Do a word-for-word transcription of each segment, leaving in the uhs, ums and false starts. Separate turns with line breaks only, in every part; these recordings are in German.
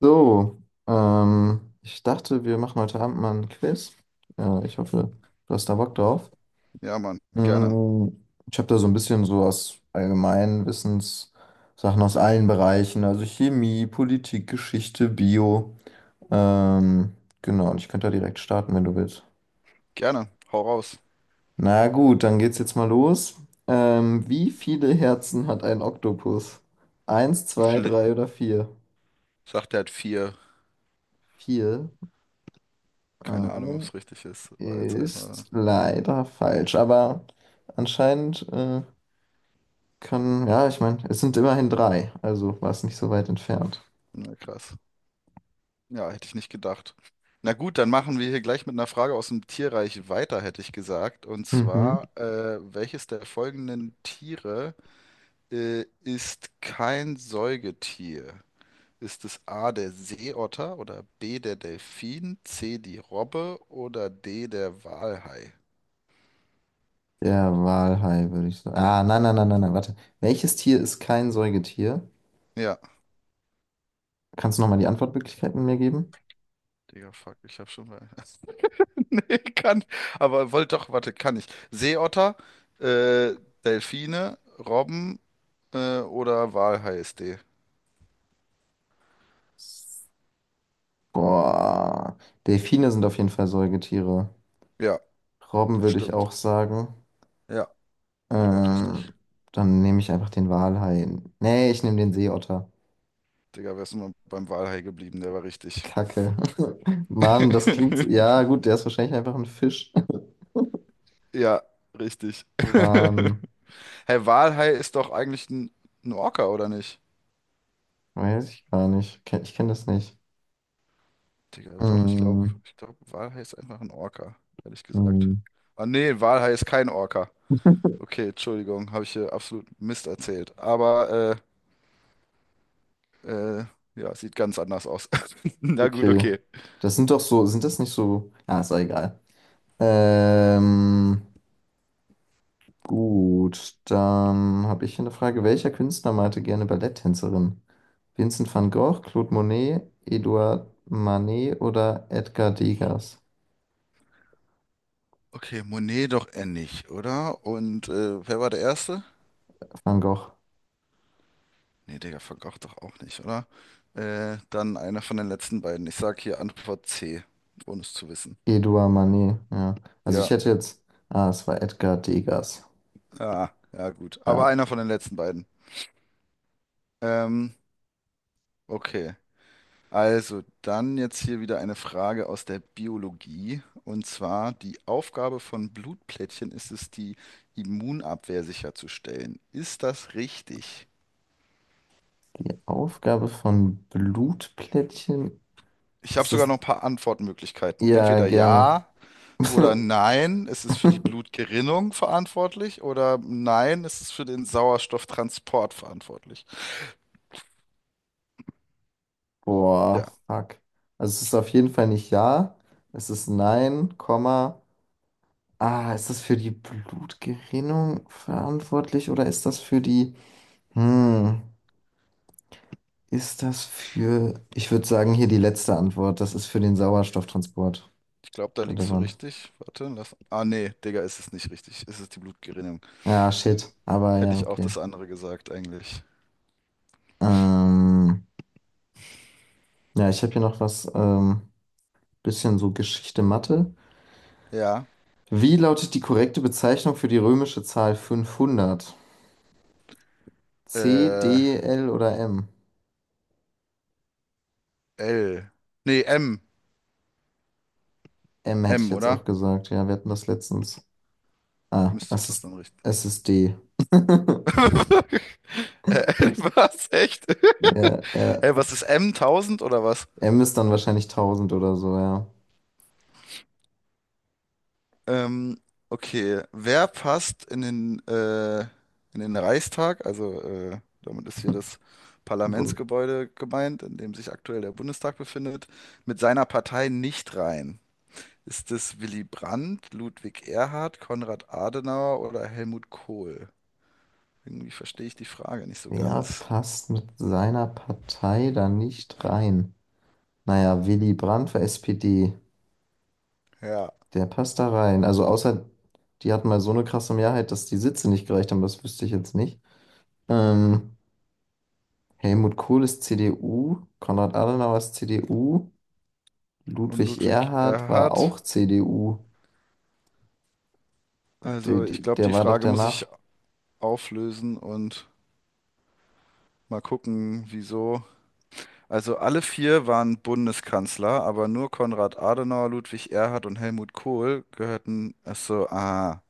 So, ähm, ich dachte, wir machen heute Abend mal ein Quiz. Äh, ich hoffe, du hast da Bock drauf.
Ja, Mann, gerne.
Mm, Ich habe da so ein bisschen so aus allgemeinen Wissenssachen aus allen Bereichen, also Chemie, Politik, Geschichte, Bio. Ähm, genau, und ich könnte da direkt starten, wenn du willst.
Gerne. Hau raus.
Na gut, dann geht's jetzt mal los. Ähm, wie viele Herzen hat ein Oktopus? Eins,
Wie
zwei,
viele?
drei oder vier?
Sagt er hat vier.
Vier. Ah.
Keine Ahnung, ob es richtig ist. War jetzt einfach,
Ist leider falsch, aber anscheinend äh, kann, ja, ich meine, es sind immerhin drei, also war es nicht so weit entfernt.
na krass. Ja, hätte ich nicht gedacht. Na gut, dann machen wir hier gleich mit einer Frage aus dem Tierreich weiter, hätte ich gesagt. Und
Mhm.
zwar, äh, welches der folgenden Tiere, äh, ist kein Säugetier? Ist es A, der Seeotter oder B, der Delfin, C, die Robbe oder D, der Walhai?
Der Walhai würde ich sagen. Ah, nein, nein, nein, nein, nein, warte. Welches Tier ist kein Säugetier?
Ja,
Kannst du nochmal die Antwortmöglichkeiten mir geben?
Digga, fuck, ich hab schon mal. Nee, kann. Aber wollte doch, warte, kann ich. Seeotter, äh, Delfine, Robben, äh, oder Walhai ist D.
Boah, Delfine sind auf jeden Fall Säugetiere.
Ja,
Robben würde ich
stimmt.
auch sagen.
Ja, ist auch
Ähm,
richtig.
Dann nehme ich einfach den Walhai. Nee, ich nehme den Seeotter.
Digga, wärst du mal beim Walhai geblieben, der war richtig.
Kacke. Mann, das klingt. so- Ja, gut, der ist wahrscheinlich einfach ein Fisch.
Ja, richtig.
Mann,
Hey, Walhai ist doch eigentlich ein, ein Orca, oder nicht?
weiß ich gar nicht. Ken- Ich kenne das nicht.
Digga, doch, ich glaube,
Hm,
ich glaube, Walhai ist einfach ein Orca, ehrlich gesagt.
hm.
Ah, nee, Walhai ist kein Orca. Okay, Entschuldigung, habe ich hier absolut Mist erzählt. Aber, äh, Äh, ja, sieht ganz anders aus. Na gut,
Okay.
okay.
Das sind doch so. Sind das nicht so. Ah, ist auch egal. Ähm, gut, dann habe ich hier eine Frage. Welcher Künstler malte gerne Balletttänzerin? Vincent van Gogh, Claude Monet, Edouard Manet oder Edgar Degas?
Okay, Monet doch eher nicht, oder? Und äh, wer war der Erste?
Van Gogh.
Nee, Digga, Van Gogh doch auch nicht, oder? Äh, dann einer von den letzten beiden. Ich sag hier Antwort C, ohne es zu wissen.
Edouard Manet, ja. Also ich
Ja,
hätte jetzt, ah, es war Edgar Degas.
ah, ja, gut. Aber
Ja,
einer von den letzten beiden. Ähm, okay. Also, dann jetzt hier wieder eine Frage aus der Biologie. Und zwar, die Aufgabe von Blutplättchen ist es, die Immunabwehr sicherzustellen. Ist das richtig?
die Aufgabe von Blutplättchen
Ich habe
ist
sogar
es,
noch ein paar Antwortmöglichkeiten.
ja,
Entweder
gerne.
ja oder nein, es ist für die Blutgerinnung verantwortlich oder nein, es ist für den Sauerstofftransport verantwortlich. Ja,
Boah, fuck. Also es ist auf jeden Fall nicht ja, es ist nein, Komma. Ah, ist das für die Blutgerinnung verantwortlich oder ist das für die, hm, ist das für, ich würde sagen, hier die letzte Antwort, das ist für den Sauerstofftransport
ich glaube, da liegst du
relevant.
richtig. Warte, lass. Ah, nee, Digga, ist es nicht richtig. Es ist die Blutgerinnung.
Ja, shit, aber
Hätte
ja,
ich auch
okay.
das andere gesagt, eigentlich.
Ähm, ja, ich habe hier noch was, ähm, bisschen so Geschichte Mathe.
Ja.
Wie lautet die korrekte Bezeichnung für die römische Zahl fünfhundert? C,
Äh,
D, L oder M?
L. Nee, M.
M hätte ich
M,
jetzt auch
oder?
gesagt. Ja, wir hatten das letztens. Ah,
Müsste
es
doch
ist,
dann richtig.
es ist D.
Äh, L, was? Echt?
Ja, äh,
Hey, was ist M? Tausend oder was?
M ist dann wahrscheinlich tausend oder so, ja.
Ähm, okay, wer passt in den, äh, in den Reichstag? Also äh, damit ist hier das
Bund
Parlamentsgebäude gemeint, in dem sich aktuell der Bundestag befindet, mit seiner Partei nicht rein. Ist es Willy Brandt, Ludwig Erhard, Konrad Adenauer oder Helmut Kohl? Irgendwie verstehe ich die Frage nicht so
Wer
ganz.
passt mit seiner Partei da nicht rein? Naja, Willy Brandt für S P D.
Ja,
Der passt da rein. Also außer, die hatten mal so eine krasse Mehrheit, dass die Sitze nicht gereicht haben, das wüsste ich jetzt nicht. Ähm, Helmut Kohl ist C D U, Konrad Adenauer ist C D U,
und
Ludwig
Ludwig
Erhard war
Erhard.
auch C D U. Der,
Also ich glaube,
der
die
war doch
Frage muss ich
danach.
auflösen und mal gucken, wieso. Also alle vier waren Bundeskanzler, aber nur Konrad Adenauer, Ludwig Erhard und Helmut Kohl gehörten. Ach so, ah,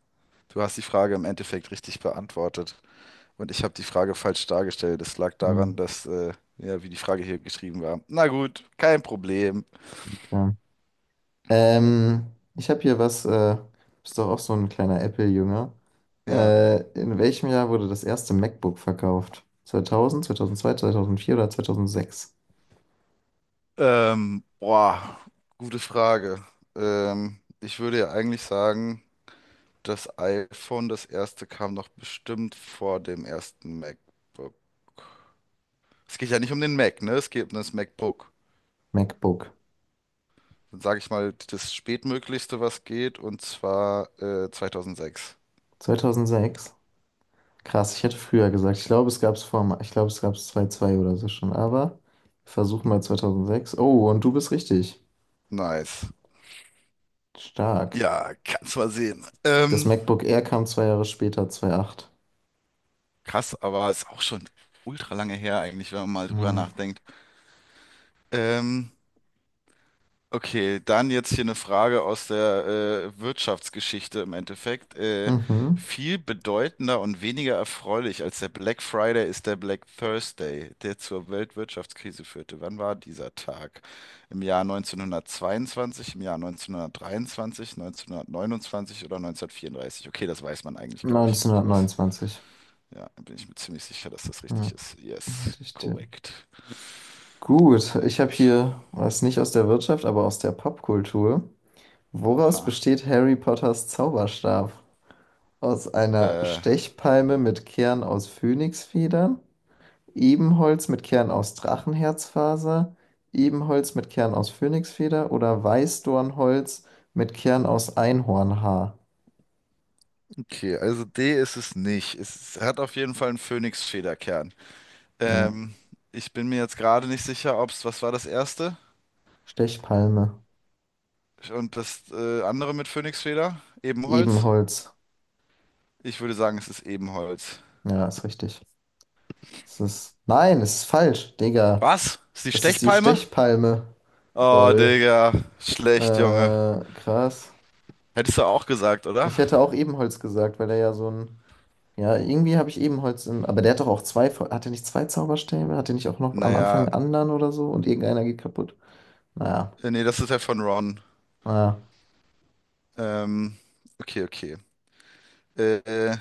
du hast die Frage im Endeffekt richtig beantwortet. Und ich habe die Frage falsch dargestellt. Es lag
Hm,
daran, dass, äh, ja, wie die Frage hier geschrieben war. Na gut, kein Problem.
ja. Ähm, Ich habe hier was, äh, bist doch auch so ein kleiner Apple-Jünger.
Ja.
Äh, in welchem Jahr wurde das erste MacBook verkauft? Zweitausend, zweitausendzwei, zweitausendvier oder zweitausendsechs?
Ähm, boah, gute Frage. Ähm, ich würde ja eigentlich sagen, das iPhone, das erste, kam noch bestimmt vor dem ersten MacBook. Es geht ja nicht um den Mac, ne? Es geht um das MacBook.
MacBook.
Dann sage ich mal das spätmöglichste, was geht, und zwar äh, zweitausendsechs.
Zweitausendsechs. Krass, ich hätte früher gesagt, ich glaube, es gab es vor, ich glaube, es gab es zwei zwei oder so schon, aber wir versuchen mal zweitausendsechs. Oh, und du bist richtig.
Nice.
Stark.
Ja, kannst mal sehen.
Das
Ähm,
MacBook Air kam zwei Jahre später, zweitausendacht.
krass, aber ist auch schon ultra lange her eigentlich, wenn man mal drüber
Ja.
nachdenkt. Ähm, Okay, dann jetzt hier eine Frage aus der äh, Wirtschaftsgeschichte im Endeffekt. Äh,
Mhm.
viel bedeutender und weniger erfreulich als der Black Friday ist der Black Thursday, der zur Weltwirtschaftskrise führte. Wann war dieser Tag? Im Jahr neunzehnhundertzweiundzwanzig, im Jahr neunzehnhundertdreiundzwanzig, neunzehnhundertneunundzwanzig oder neunzehnhundertvierunddreißig? Okay, das weiß man eigentlich, glaube ich. Ich weiß,
neunzehnhundertneunundzwanzig.
ja, bin ich mir ziemlich sicher, dass das
Ja.
richtig ist. Yes,
Hatte ich dir.
korrekt.
Gut,
Sehr
ich habe
gut.
hier was nicht aus der Wirtschaft, aber aus der Popkultur. Woraus
Aha.
besteht Harry Potters Zauberstab? Aus einer
Äh,
Stechpalme mit Kern aus Phönixfedern? Ebenholz mit Kern aus Drachenherzfaser, Ebenholz mit Kern aus Phönixfeder oder Weißdornholz mit Kern aus Einhornhaar.
Okay, also D ist es nicht. Es hat auf jeden Fall einen Phönix-Federkern.
Ja.
Ähm, Ich bin mir jetzt gerade nicht sicher, ob es, was war das erste?
Stechpalme.
Und das äh, andere mit Phönixfeder? Ebenholz?
Ebenholz.
Ich würde sagen, es ist Ebenholz.
Ja, ist richtig. Es ist. Nein, es ist falsch, Digga.
Was? Ist die
Es ist die
Stechpalme?
Stechpalme.
Oh,
Lol.
Digga.
Äh,
Schlecht, Junge.
Krass.
Hättest du auch gesagt, oder?
Ich hätte auch Ebenholz gesagt, weil er ja so ein. Ja, irgendwie habe ich Ebenholz im. Aber der hat doch auch zwei. Hat er nicht zwei Zauberstäbe? Hat er nicht auch noch am Anfang
Naja,
einen anderen oder so? Und irgendeiner geht kaputt? Naja.
äh, nee, das ist ja von Ron.
Ah,
Ähm, okay, okay. Äh, äh,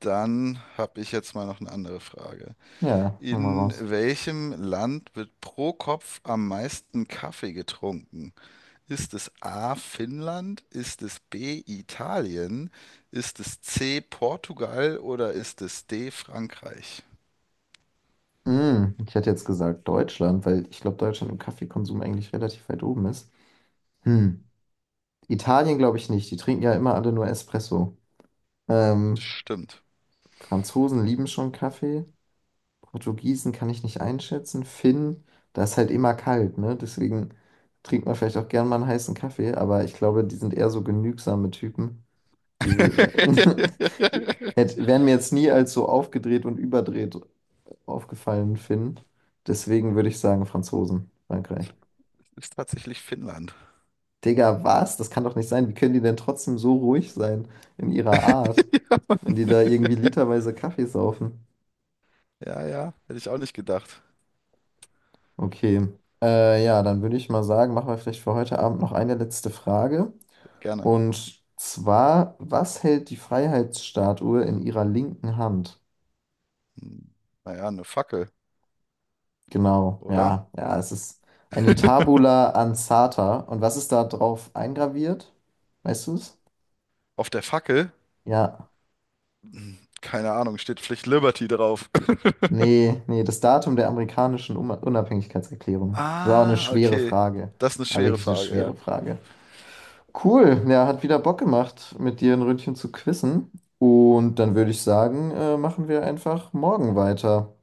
Dann habe ich jetzt mal noch eine andere Frage.
ja, hol mal
In
raus.
welchem Land wird pro Kopf am meisten Kaffee getrunken? Ist es A. Finnland? Ist es B. Italien? Ist es C. Portugal oder ist es D. Frankreich?
Hm, ich hätte jetzt gesagt Deutschland, weil ich glaube, Deutschland im Kaffeekonsum eigentlich relativ weit oben ist. Hm, Italien glaube ich nicht. Die trinken ja immer alle nur Espresso.
Das
Ähm,
stimmt.
Franzosen lieben schon Kaffee. Portugiesen kann ich nicht einschätzen. Finn, da ist halt immer kalt, ne? Deswegen trinkt man vielleicht auch gern mal einen heißen Kaffee, aber ich glaube, die sind eher so genügsame Typen. Die hätte- wären mir jetzt nie als so aufgedreht und überdreht aufgefallen, Finn. Deswegen würde ich sagen, Franzosen, Frankreich.
Es ist tatsächlich Finnland.
Digga, was? Das kann doch nicht sein. Wie können die denn trotzdem so ruhig sein in ihrer Art,
Ja,
wenn die
Mann.
da irgendwie literweise Kaffee saufen?
Ja, ja, hätte ich auch nicht gedacht.
Okay. Äh, ja, dann würde ich mal sagen, machen wir vielleicht für heute Abend noch eine letzte Frage.
Gerne.
Und zwar, was hält die Freiheitsstatue in ihrer linken Hand?
Hm, Naja, eine Fackel,
Genau,
oder?
ja, ja, es ist eine Tabula ansata. Und was ist da drauf eingraviert? Weißt du es?
Auf der Fackel,
Ja.
keine Ahnung, steht Pflicht Liberty drauf.
Nee, nee, das Datum der amerikanischen Um- Unabhängigkeitserklärung. Das war auch eine
Ah,
schwere
okay.
Frage.
Das ist eine
War
schwere
wirklich eine
Frage, ja.
schwere Frage. Cool, ja, hat wieder Bock gemacht, mit dir ein Ründchen zu quizzen. Und dann würde ich sagen, äh, machen wir einfach morgen weiter.